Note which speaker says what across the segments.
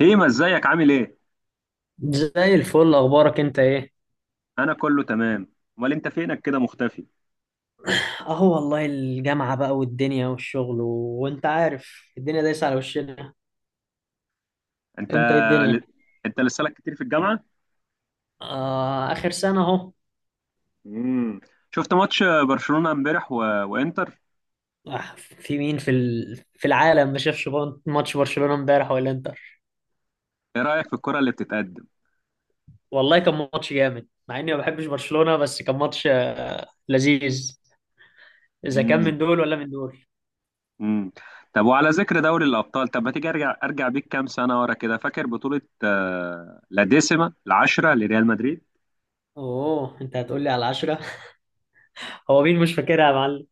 Speaker 1: هيما، ازيك عامل ايه؟
Speaker 2: زي الفل، اخبارك انت ايه؟
Speaker 1: انا كله تمام. امال انت فينك كده مختفي؟
Speaker 2: اهو والله الجامعة بقى والدنيا والشغل وانت عارف الدنيا دايسة على وشنا.
Speaker 1: انت
Speaker 2: انت ايه الدنيا؟
Speaker 1: انت لسه لك كتير في الجامعة؟
Speaker 2: آه، اخر سنة اهو.
Speaker 1: امم شفت ماتش برشلونة امبارح وانتر؟
Speaker 2: آه، في مين في في العالم ما شافش ماتش برشلونة امبارح ولا انتر؟
Speaker 1: ايه رأيك في الكرة اللي بتتقدم؟
Speaker 2: والله كان ماتش جامد، مع اني ما بحبش برشلونة، بس كان ماتش لذيذ. اذا كان
Speaker 1: امم
Speaker 2: من دول ولا من دول.
Speaker 1: امم طب، وعلى ذكر دوري الأبطال، طب ما تيجي ارجع بيك كام سنة ورا كده. فاكر بطولة لا ديسيما، العشرة لريال مدريد؟
Speaker 2: اوه، انت هتقول لي على العشرة. هو مين مش فاكرها يا معلم؟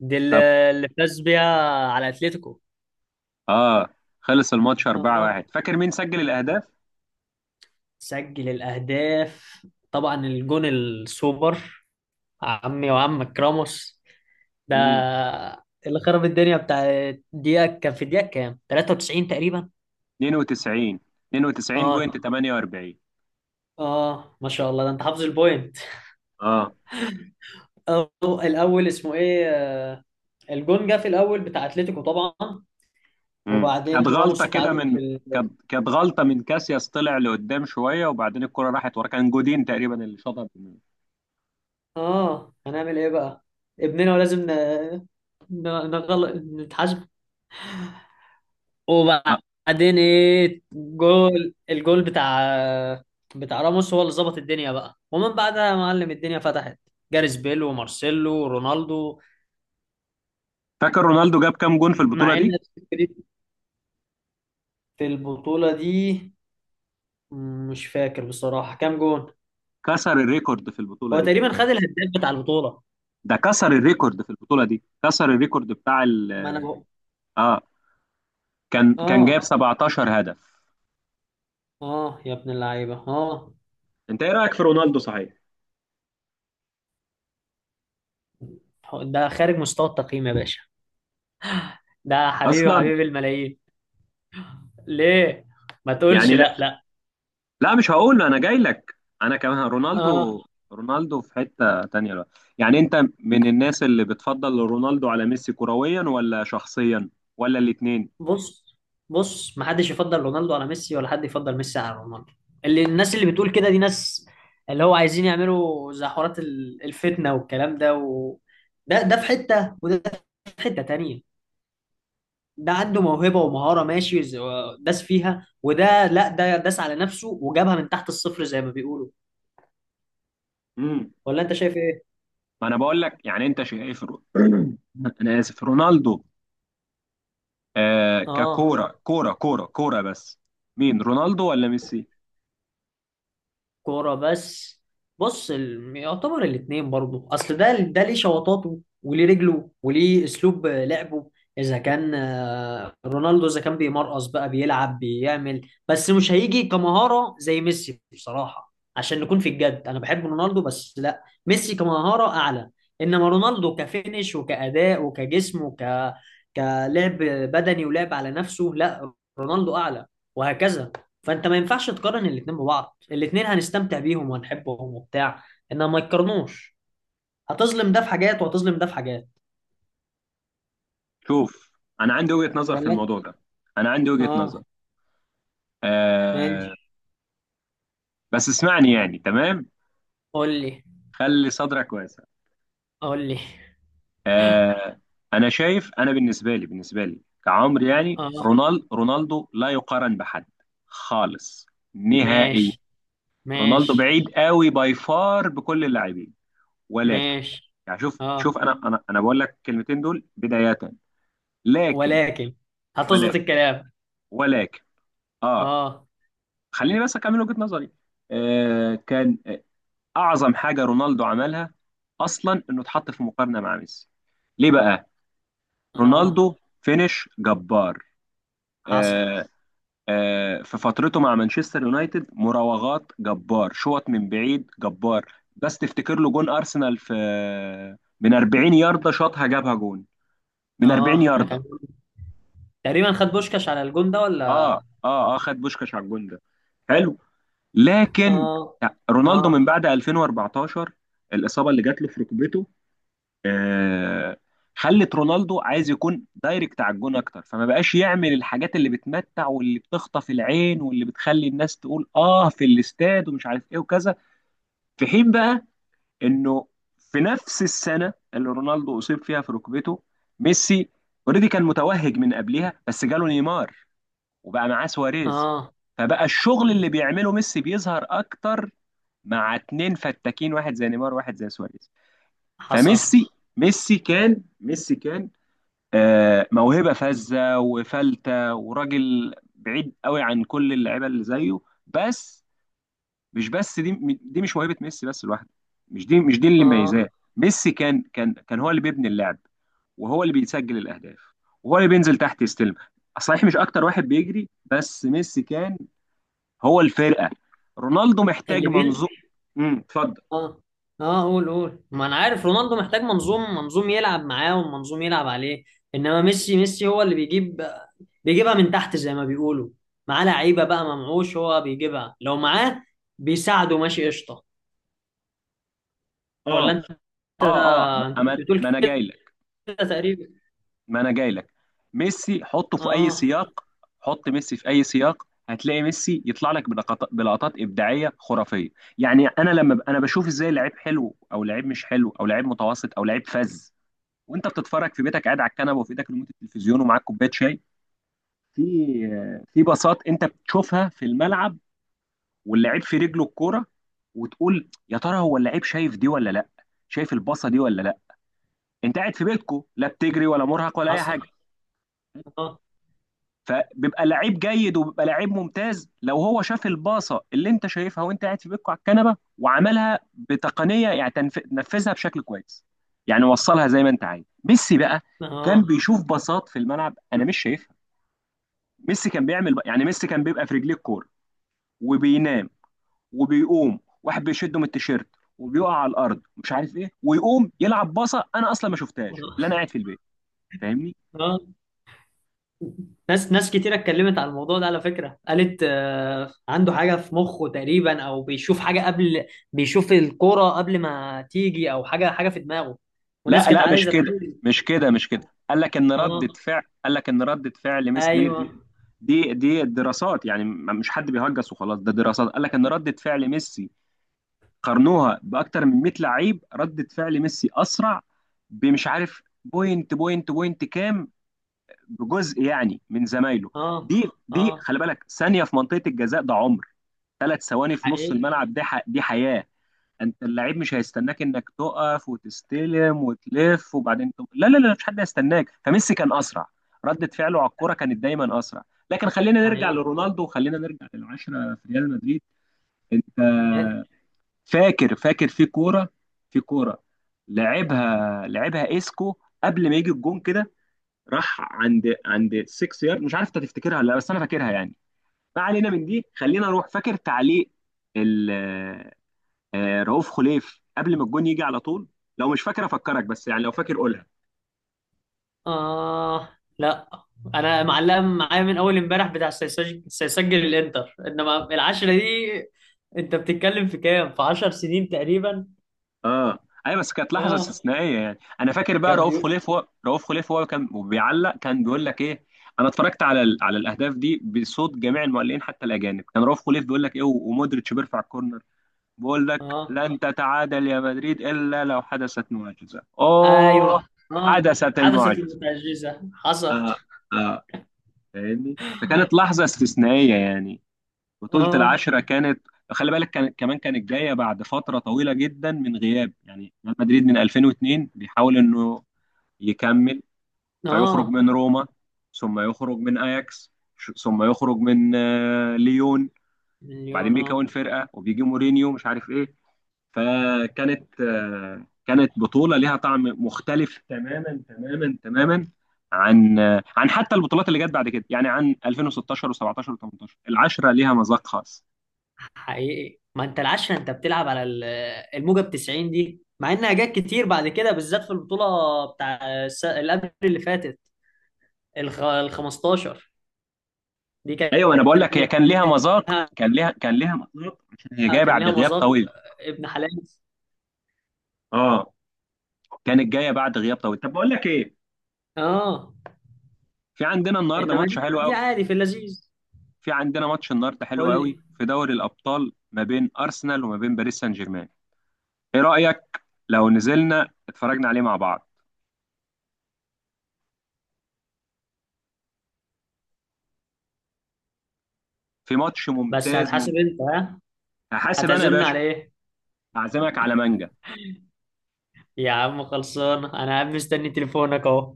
Speaker 2: دي اللي
Speaker 1: طب.
Speaker 2: اللي فاز بيها على اتلتيكو.
Speaker 1: اه. خلص الماتش
Speaker 2: اه،
Speaker 1: 4-1. فاكر مين سجل الأهداف؟
Speaker 2: سجل الأهداف طبعا الجون السوبر، عمي وعمك راموس. ده
Speaker 1: امم
Speaker 2: اللي خرب الدنيا بتاع. دقيقة، كان في دقيقة كام؟ 93 تقريبا.
Speaker 1: 92.
Speaker 2: اه،
Speaker 1: 92:48.
Speaker 2: اه، ما شاء الله، ده انت حافظ البوينت.
Speaker 1: اه.
Speaker 2: أو الأول اسمه ايه الجون جه في الأول بتاع أتلتيكو طبعا. وبعدين
Speaker 1: كانت غلطه
Speaker 2: راموس
Speaker 1: كده
Speaker 2: اتعادل
Speaker 1: من...
Speaker 2: في
Speaker 1: كانت غلطه من كاسياس، طلع لقدام شويه وبعدين الكره راحت ورا، كان جودين تقريبا اللي شاطها باليمين.
Speaker 2: اه، هنعمل ايه بقى؟ ابننا ولازم ن... ن... نغل... نتحاسب.
Speaker 1: آه،
Speaker 2: وبعدين ايه؟ جول الجول بتاع بتاع راموس هو اللي ظبط الدنيا بقى، ومن بعدها يا معلم الدنيا فتحت، جاريث بيل ومارسيلو ورونالدو.
Speaker 1: فاكر رونالدو جاب كام جون في البطوله
Speaker 2: مع ان
Speaker 1: دي؟
Speaker 2: في البطولة دي مش فاكر بصراحة كام جون.
Speaker 1: كسر الريكورد في البطوله
Speaker 2: هو
Speaker 1: دي،
Speaker 2: تقريبا خد الهداف بتاع البطولة.
Speaker 1: ده كسر الريكورد في البطوله دي، كسر الريكورد بتاع ال...
Speaker 2: ما انا بقول.
Speaker 1: اه. كان جاب
Speaker 2: اه،
Speaker 1: 17 هدف.
Speaker 2: اه يا ابن اللعيبة، اه.
Speaker 1: انت ايه رايك في رونالدو صحيح؟
Speaker 2: ده خارج مستوى التقييم يا باشا. ده حبيبي،
Speaker 1: اصلا...
Speaker 2: حبيبي الملايين. ليه ما تقولش
Speaker 1: يعني لا.
Speaker 2: لا، لا.
Speaker 1: لا، مش هقول له، انا جاي لك. انا كمان
Speaker 2: آه.
Speaker 1: رونالدو. رونالدو في حتة تانية بقى. يعني انت من الناس اللي بتفضل رونالدو على ميسي كرويا ولا شخصيا، ولا الاتنين؟
Speaker 2: بص، بص محدش يفضل رونالدو على ميسي، ولا حد يفضل ميسي على رونالدو. اللي الناس اللي بتقول كده دي ناس اللي هو عايزين يعملوا زي حوارات الفتنة والكلام ده ده في حتة، وده في حتة تانية. ده عنده موهبة ومهارة ماشي، داس فيها، وده لا، ده داس على نفسه وجابها من تحت الصفر زي ما بيقولوا.
Speaker 1: امم
Speaker 2: ولا انت شايف ايه؟
Speaker 1: ما انا بقول لك، يعني انت شايف انا اسف، رونالدو،
Speaker 2: اه،
Speaker 1: ككورة، كورة كورة كورة بس، مين؟ رونالدو ولا ميسي؟
Speaker 2: كورة بس. بص، يعتبر الاتنين برضه، اصل ده ده ليه شوطاته وليه رجله وليه اسلوب لعبه. اذا كان رونالدو اذا كان بيمرقص بقى، بيلعب، بيعمل، بس مش هيجي كمهارة زي ميسي. بصراحة عشان نكون في الجد، انا بحب رونالدو بس لا، ميسي كمهارة اعلى. انما رونالدو كفينش وكأداء وكجسم وك كلعب بدني ولعب على نفسه، لا، رونالدو اعلى، وهكذا. فانت ما ينفعش تقارن الاتنين ببعض. الاتنين هنستمتع بيهم وهنحبهم وبتاع، انما ما يتقارنوش. هتظلم ده في حاجات، وهتظلم ده في حاجات.
Speaker 1: شوف، انا عندي وجهة نظر في
Speaker 2: ولا.
Speaker 1: الموضوع ده. انا عندي وجهة نظر.
Speaker 2: اه، ماشي.
Speaker 1: آه. بس اسمعني يعني، تمام؟
Speaker 2: قول لي.
Speaker 1: خلي صدرك واسع.
Speaker 2: قول لي.
Speaker 1: آه. انا شايف، انا بالنسبه لي، كعمر، يعني
Speaker 2: اه،
Speaker 1: رونالدو لا يقارن بحد. خالص. نهائيا.
Speaker 2: ماشي.
Speaker 1: رونالدو
Speaker 2: ماشي.
Speaker 1: بعيد قوي، باي فار، بكل اللاعبين. ولكن...
Speaker 2: ماشي.
Speaker 1: يعني شوف
Speaker 2: اه،
Speaker 1: شوف، انا بقول لك الكلمتين دول بدايه لكن...
Speaker 2: ولكن. هتظبط
Speaker 1: ولكن.
Speaker 2: الكلام.
Speaker 1: ولكن. اه.
Speaker 2: اه.
Speaker 1: خليني بس اكمل وجهه نظري. آه كان آه، اعظم حاجه رونالدو عملها اصلا انه اتحط في مقارنه مع ميسي. ليه بقى؟
Speaker 2: اه.
Speaker 1: رونالدو فينش جبار.
Speaker 2: حصل.
Speaker 1: آه، في فترته مع مانشستر يونايتد، مراوغات جبار، شوط من بعيد جبار. بس تفتكر له جون ارسنال؟ في، من 40 يارده شاطها، جابها جون، من 40
Speaker 2: اه، ده
Speaker 1: يارده.
Speaker 2: كان جون. تقريبا خد بوشكاش على الجون ده
Speaker 1: اه.
Speaker 2: ولا؟
Speaker 1: اه. اه، خد بوشكاش على الجون ده. حلو. لكن
Speaker 2: اه.
Speaker 1: رونالدو
Speaker 2: اه.
Speaker 1: من بعد 2014، الاصابه اللي جات له في ركبته، آه، خلت رونالدو عايز يكون دايركت على الجون اكتر، فما بقاش يعمل الحاجات اللي بتمتع واللي بتخطف العين واللي بتخلي الناس تقول اه في الاستاد ومش عارف ايه وكذا. في حين بقى انه في نفس السنه اللي رونالدو اصيب فيها في ركبته، ميسي اوريدي كان متوهج من قبلها، بس جاله نيمار وبقى معاه سواريز.
Speaker 2: اه.
Speaker 1: فبقى الشغل اللي بيعمله ميسي بيظهر اكتر مع اتنين فتاكين، واحد زي نيمار واحد زي سواريز.
Speaker 2: حصل.
Speaker 1: فميسي، ميسي كان موهبة فذة وفلتة، وراجل بعيد قوي عن كل اللعيبة اللي زيه. بس مش بس دي، دي مش موهبة ميسي بس لوحده، مش دي اللي
Speaker 2: اه،
Speaker 1: مميزاه. ميسي كان هو اللي بيبني اللعب، وهو اللي بيسجل الأهداف، وهو اللي بينزل تحت يستلم. صحيح مش أكتر واحد بيجري، بس ميسي كان هو الفرقة. رونالدو محتاج
Speaker 2: اللي بين.
Speaker 1: منظوم. اتفضل.
Speaker 2: اه، اه، قول، قول، ما انا عارف رونالدو محتاج منظوم، منظوم يلعب معاه ومنظوم يلعب عليه. انما ميسي هو اللي بيجيب، بيجيبها من تحت زي ما بيقولوا. معاه لعيبه بقى ممعوش، هو بيجيبها لو معاه بيساعده. ماشي، قشطه.
Speaker 1: اه.
Speaker 2: ولا انت.
Speaker 1: اه. اه.
Speaker 2: انت
Speaker 1: ما ما-
Speaker 2: كنت بتقول
Speaker 1: ما انا
Speaker 2: كده
Speaker 1: جاي
Speaker 2: تقريبا.
Speaker 1: ما انا جاي لك. ميسي حطه في اي
Speaker 2: اه،
Speaker 1: سياق، حط ميسي في اي سياق هتلاقي ميسي يطلع لك بلقطات ابداعيه خرافيه. يعني انا انا بشوف ازاي لعيب حلو او لعيب مش حلو او لعيب متوسط او لعيب فذ. وانت بتتفرج في بيتك قاعد على الكنبه، وفي ايدك ريموت التلفزيون ومعاك كوبايه شاي، في في باصات انت بتشوفها في الملعب، واللعيب في رجله الكوره، وتقول يا ترى هو اللعيب شايف دي ولا لا؟ شايف الباصه دي ولا لا؟ انت قاعد في بيتكو، لا بتجري ولا مرهق ولا اي
Speaker 2: حصل.
Speaker 1: حاجه.
Speaker 2: اه.
Speaker 1: فبيبقى لعيب جيد، وبيبقى لعيب ممتاز لو هو شاف الباصه اللي انت شايفها وانت قاعد في بيتكم على الكنبه وعملها بتقنيه، يعني نفذها بشكل كويس. يعني وصلها زي ما انت عايز. ميسي بقى كان
Speaker 2: اه.
Speaker 1: بيشوف باصات في الملعب انا مش شايفها. ميسي كان بيعمل بقى، يعني ميسي كان بيبقى في رجليه الكوره وبينام، وبيقوم واحد بيشده من التيشيرت وبيقع على الارض مش عارف ايه، ويقوم يلعب باصه انا اصلا ما شفتهاش، اللي انا
Speaker 2: اه.
Speaker 1: قاعد في البيت. فاهمني؟
Speaker 2: آه. ناس كتير اتكلمت على الموضوع ده على فكرة، قالت عنده حاجة في مخه تقريبا، او بيشوف حاجة قبل، بيشوف الكورة قبل ما تيجي، او حاجة في دماغه. وناس
Speaker 1: لا
Speaker 2: كانت
Speaker 1: لا، مش
Speaker 2: عايزة
Speaker 1: كده،
Speaker 2: تحلل.
Speaker 1: مش كده، مش كده.
Speaker 2: اه،
Speaker 1: قال لك ان ردة فعل، دي،
Speaker 2: ايوه.
Speaker 1: دي, دي الدراسات يعني، مش حد بيهجس وخلاص، ده دراسات. قال لك ان ردة فعل ميسي، قارنوها باكتر من 100 لعيب، ردة فعل ميسي اسرع بمش عارف بوينت كام، بجزء يعني، من زمايله.
Speaker 2: اه.
Speaker 1: دي
Speaker 2: اه.
Speaker 1: خلي بالك، ثانية في منطقة الجزاء ده عمر، 3 ثواني في نص
Speaker 2: حقيقي.
Speaker 1: الملعب ده دي حياة. انت اللعيب مش هيستناك انك تقف وتستلم وتلف وبعدين لا لا لا، مش حد هيستناك. فميسي كان اسرع، ردة فعله على الكرة كانت دايما اسرع. لكن خلينا نرجع
Speaker 2: حقيقي.
Speaker 1: لرونالدو، وخلينا نرجع للعشرة في ريال مدريد. انت فاكر في كورة لعبها اسكو، قبل ما يجي الجون كده، راح عند 6 يارد، مش عارف انت تفتكرها ولا لا، بس انا فاكرها يعني. ما علينا من دي، خلينا نروح. فاكر تعليق رؤوف خليف قبل ما الجون يجي على طول؟ لو مش فاكر افكرك، بس يعني لو فاكر قولها.
Speaker 2: اه، لا، انا معلقة معايا من اول امبارح بتاع سيسجل الانتر، انما العشرة دي انت بتتكلم في كام، في 10 سنين تقريبا.
Speaker 1: اه. ايوه بس كانت لحظه
Speaker 2: اه،
Speaker 1: استثنائيه يعني. انا فاكر بقى
Speaker 2: كان
Speaker 1: رؤوف
Speaker 2: بيقول.
Speaker 1: خليف، هو رؤوف خليف هو كان بيعلق، كان بيقول لك ايه. انا اتفرجت على على الاهداف دي بصوت جميع المعلقين حتى الاجانب، كان رؤوف خليف بيقول لك ايه، ومودريتش بيرفع الكورنر، بيقول لك
Speaker 2: اه،
Speaker 1: لن تتعادل يا مدريد الا لو حدثت معجزه.
Speaker 2: ايوه.
Speaker 1: اوه.
Speaker 2: اه،
Speaker 1: حدثت
Speaker 2: حدثت
Speaker 1: المعجزه.
Speaker 2: المتعجزة، حصل.
Speaker 1: اه. اه. فاهمني؟ فكانت لحظه استثنائيه يعني. بطولة
Speaker 2: اه.
Speaker 1: العشرة كانت خلي بالك، كان كمان كانت جاية بعد فترة طويلة جدا من غياب، يعني ريال مدريد من 2002 بيحاول إنه يكمل، فيخرج
Speaker 2: اه.
Speaker 1: من روما، ثم يخرج من أياكس، ثم يخرج من ليون، وبعدين
Speaker 2: مليون،
Speaker 1: بيكون
Speaker 2: اه.
Speaker 1: فرقة وبيجي مورينيو مش عارف إيه. فكانت كانت بطولة ليها طعم مختلف تماما تماما تماما، عن عن حتى البطولات اللي جت بعد كده، يعني عن 2016 و17 و18. العشرة ليها مذاق خاص.
Speaker 2: حقيقي، ما انت العشرة انت بتلعب على الموجة ب 90، دي مع انها جت كتير بعد كده، بالذات في البطولة بتاع اللي قبل اللي فاتت، ال 15. دي
Speaker 1: ايوه انا بقول لك هي
Speaker 2: ليها،
Speaker 1: كان ليها مذاق، كان ليها مذاق عشان هي جايه
Speaker 2: كان
Speaker 1: بعد
Speaker 2: ليها
Speaker 1: غياب
Speaker 2: مذاق
Speaker 1: طويل.
Speaker 2: ابن حلال.
Speaker 1: اه. كانت جايه بعد غياب طويل. طب بقول لك ايه،
Speaker 2: اه،
Speaker 1: في عندنا النهارده
Speaker 2: انما
Speaker 1: ماتش
Speaker 2: دي،
Speaker 1: حلو
Speaker 2: دي
Speaker 1: قوي،
Speaker 2: عادي في اللذيذ.
Speaker 1: في عندنا ماتش النهارده حلو
Speaker 2: قول
Speaker 1: قوي
Speaker 2: لي.
Speaker 1: في دوري الابطال ما بين ارسنال وما بين باريس سان جيرمان. ايه رايك لو نزلنا اتفرجنا عليه مع بعض؟ في ماتش
Speaker 2: بس
Speaker 1: ممتاز
Speaker 2: هتحاسب
Speaker 1: ممتاز.
Speaker 2: انت، ها؟
Speaker 1: هحاسب انا يا
Speaker 2: هتعزمنا
Speaker 1: باشا.
Speaker 2: على ايه؟
Speaker 1: هعزمك على مانجا.
Speaker 2: يا عم خلصانة، أنا قاعد مستني تليفونك أهو.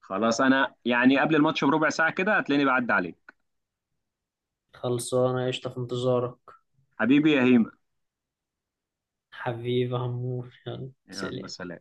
Speaker 1: خلاص، انا يعني قبل الماتش بربع ساعه كده هتلاقيني بعدي عليك.
Speaker 2: خلصانة قشطة، في انتظارك.
Speaker 1: حبيبي يا هيما.
Speaker 2: حبيبي يا عمور، يلا
Speaker 1: يلا
Speaker 2: سلام.
Speaker 1: سلام.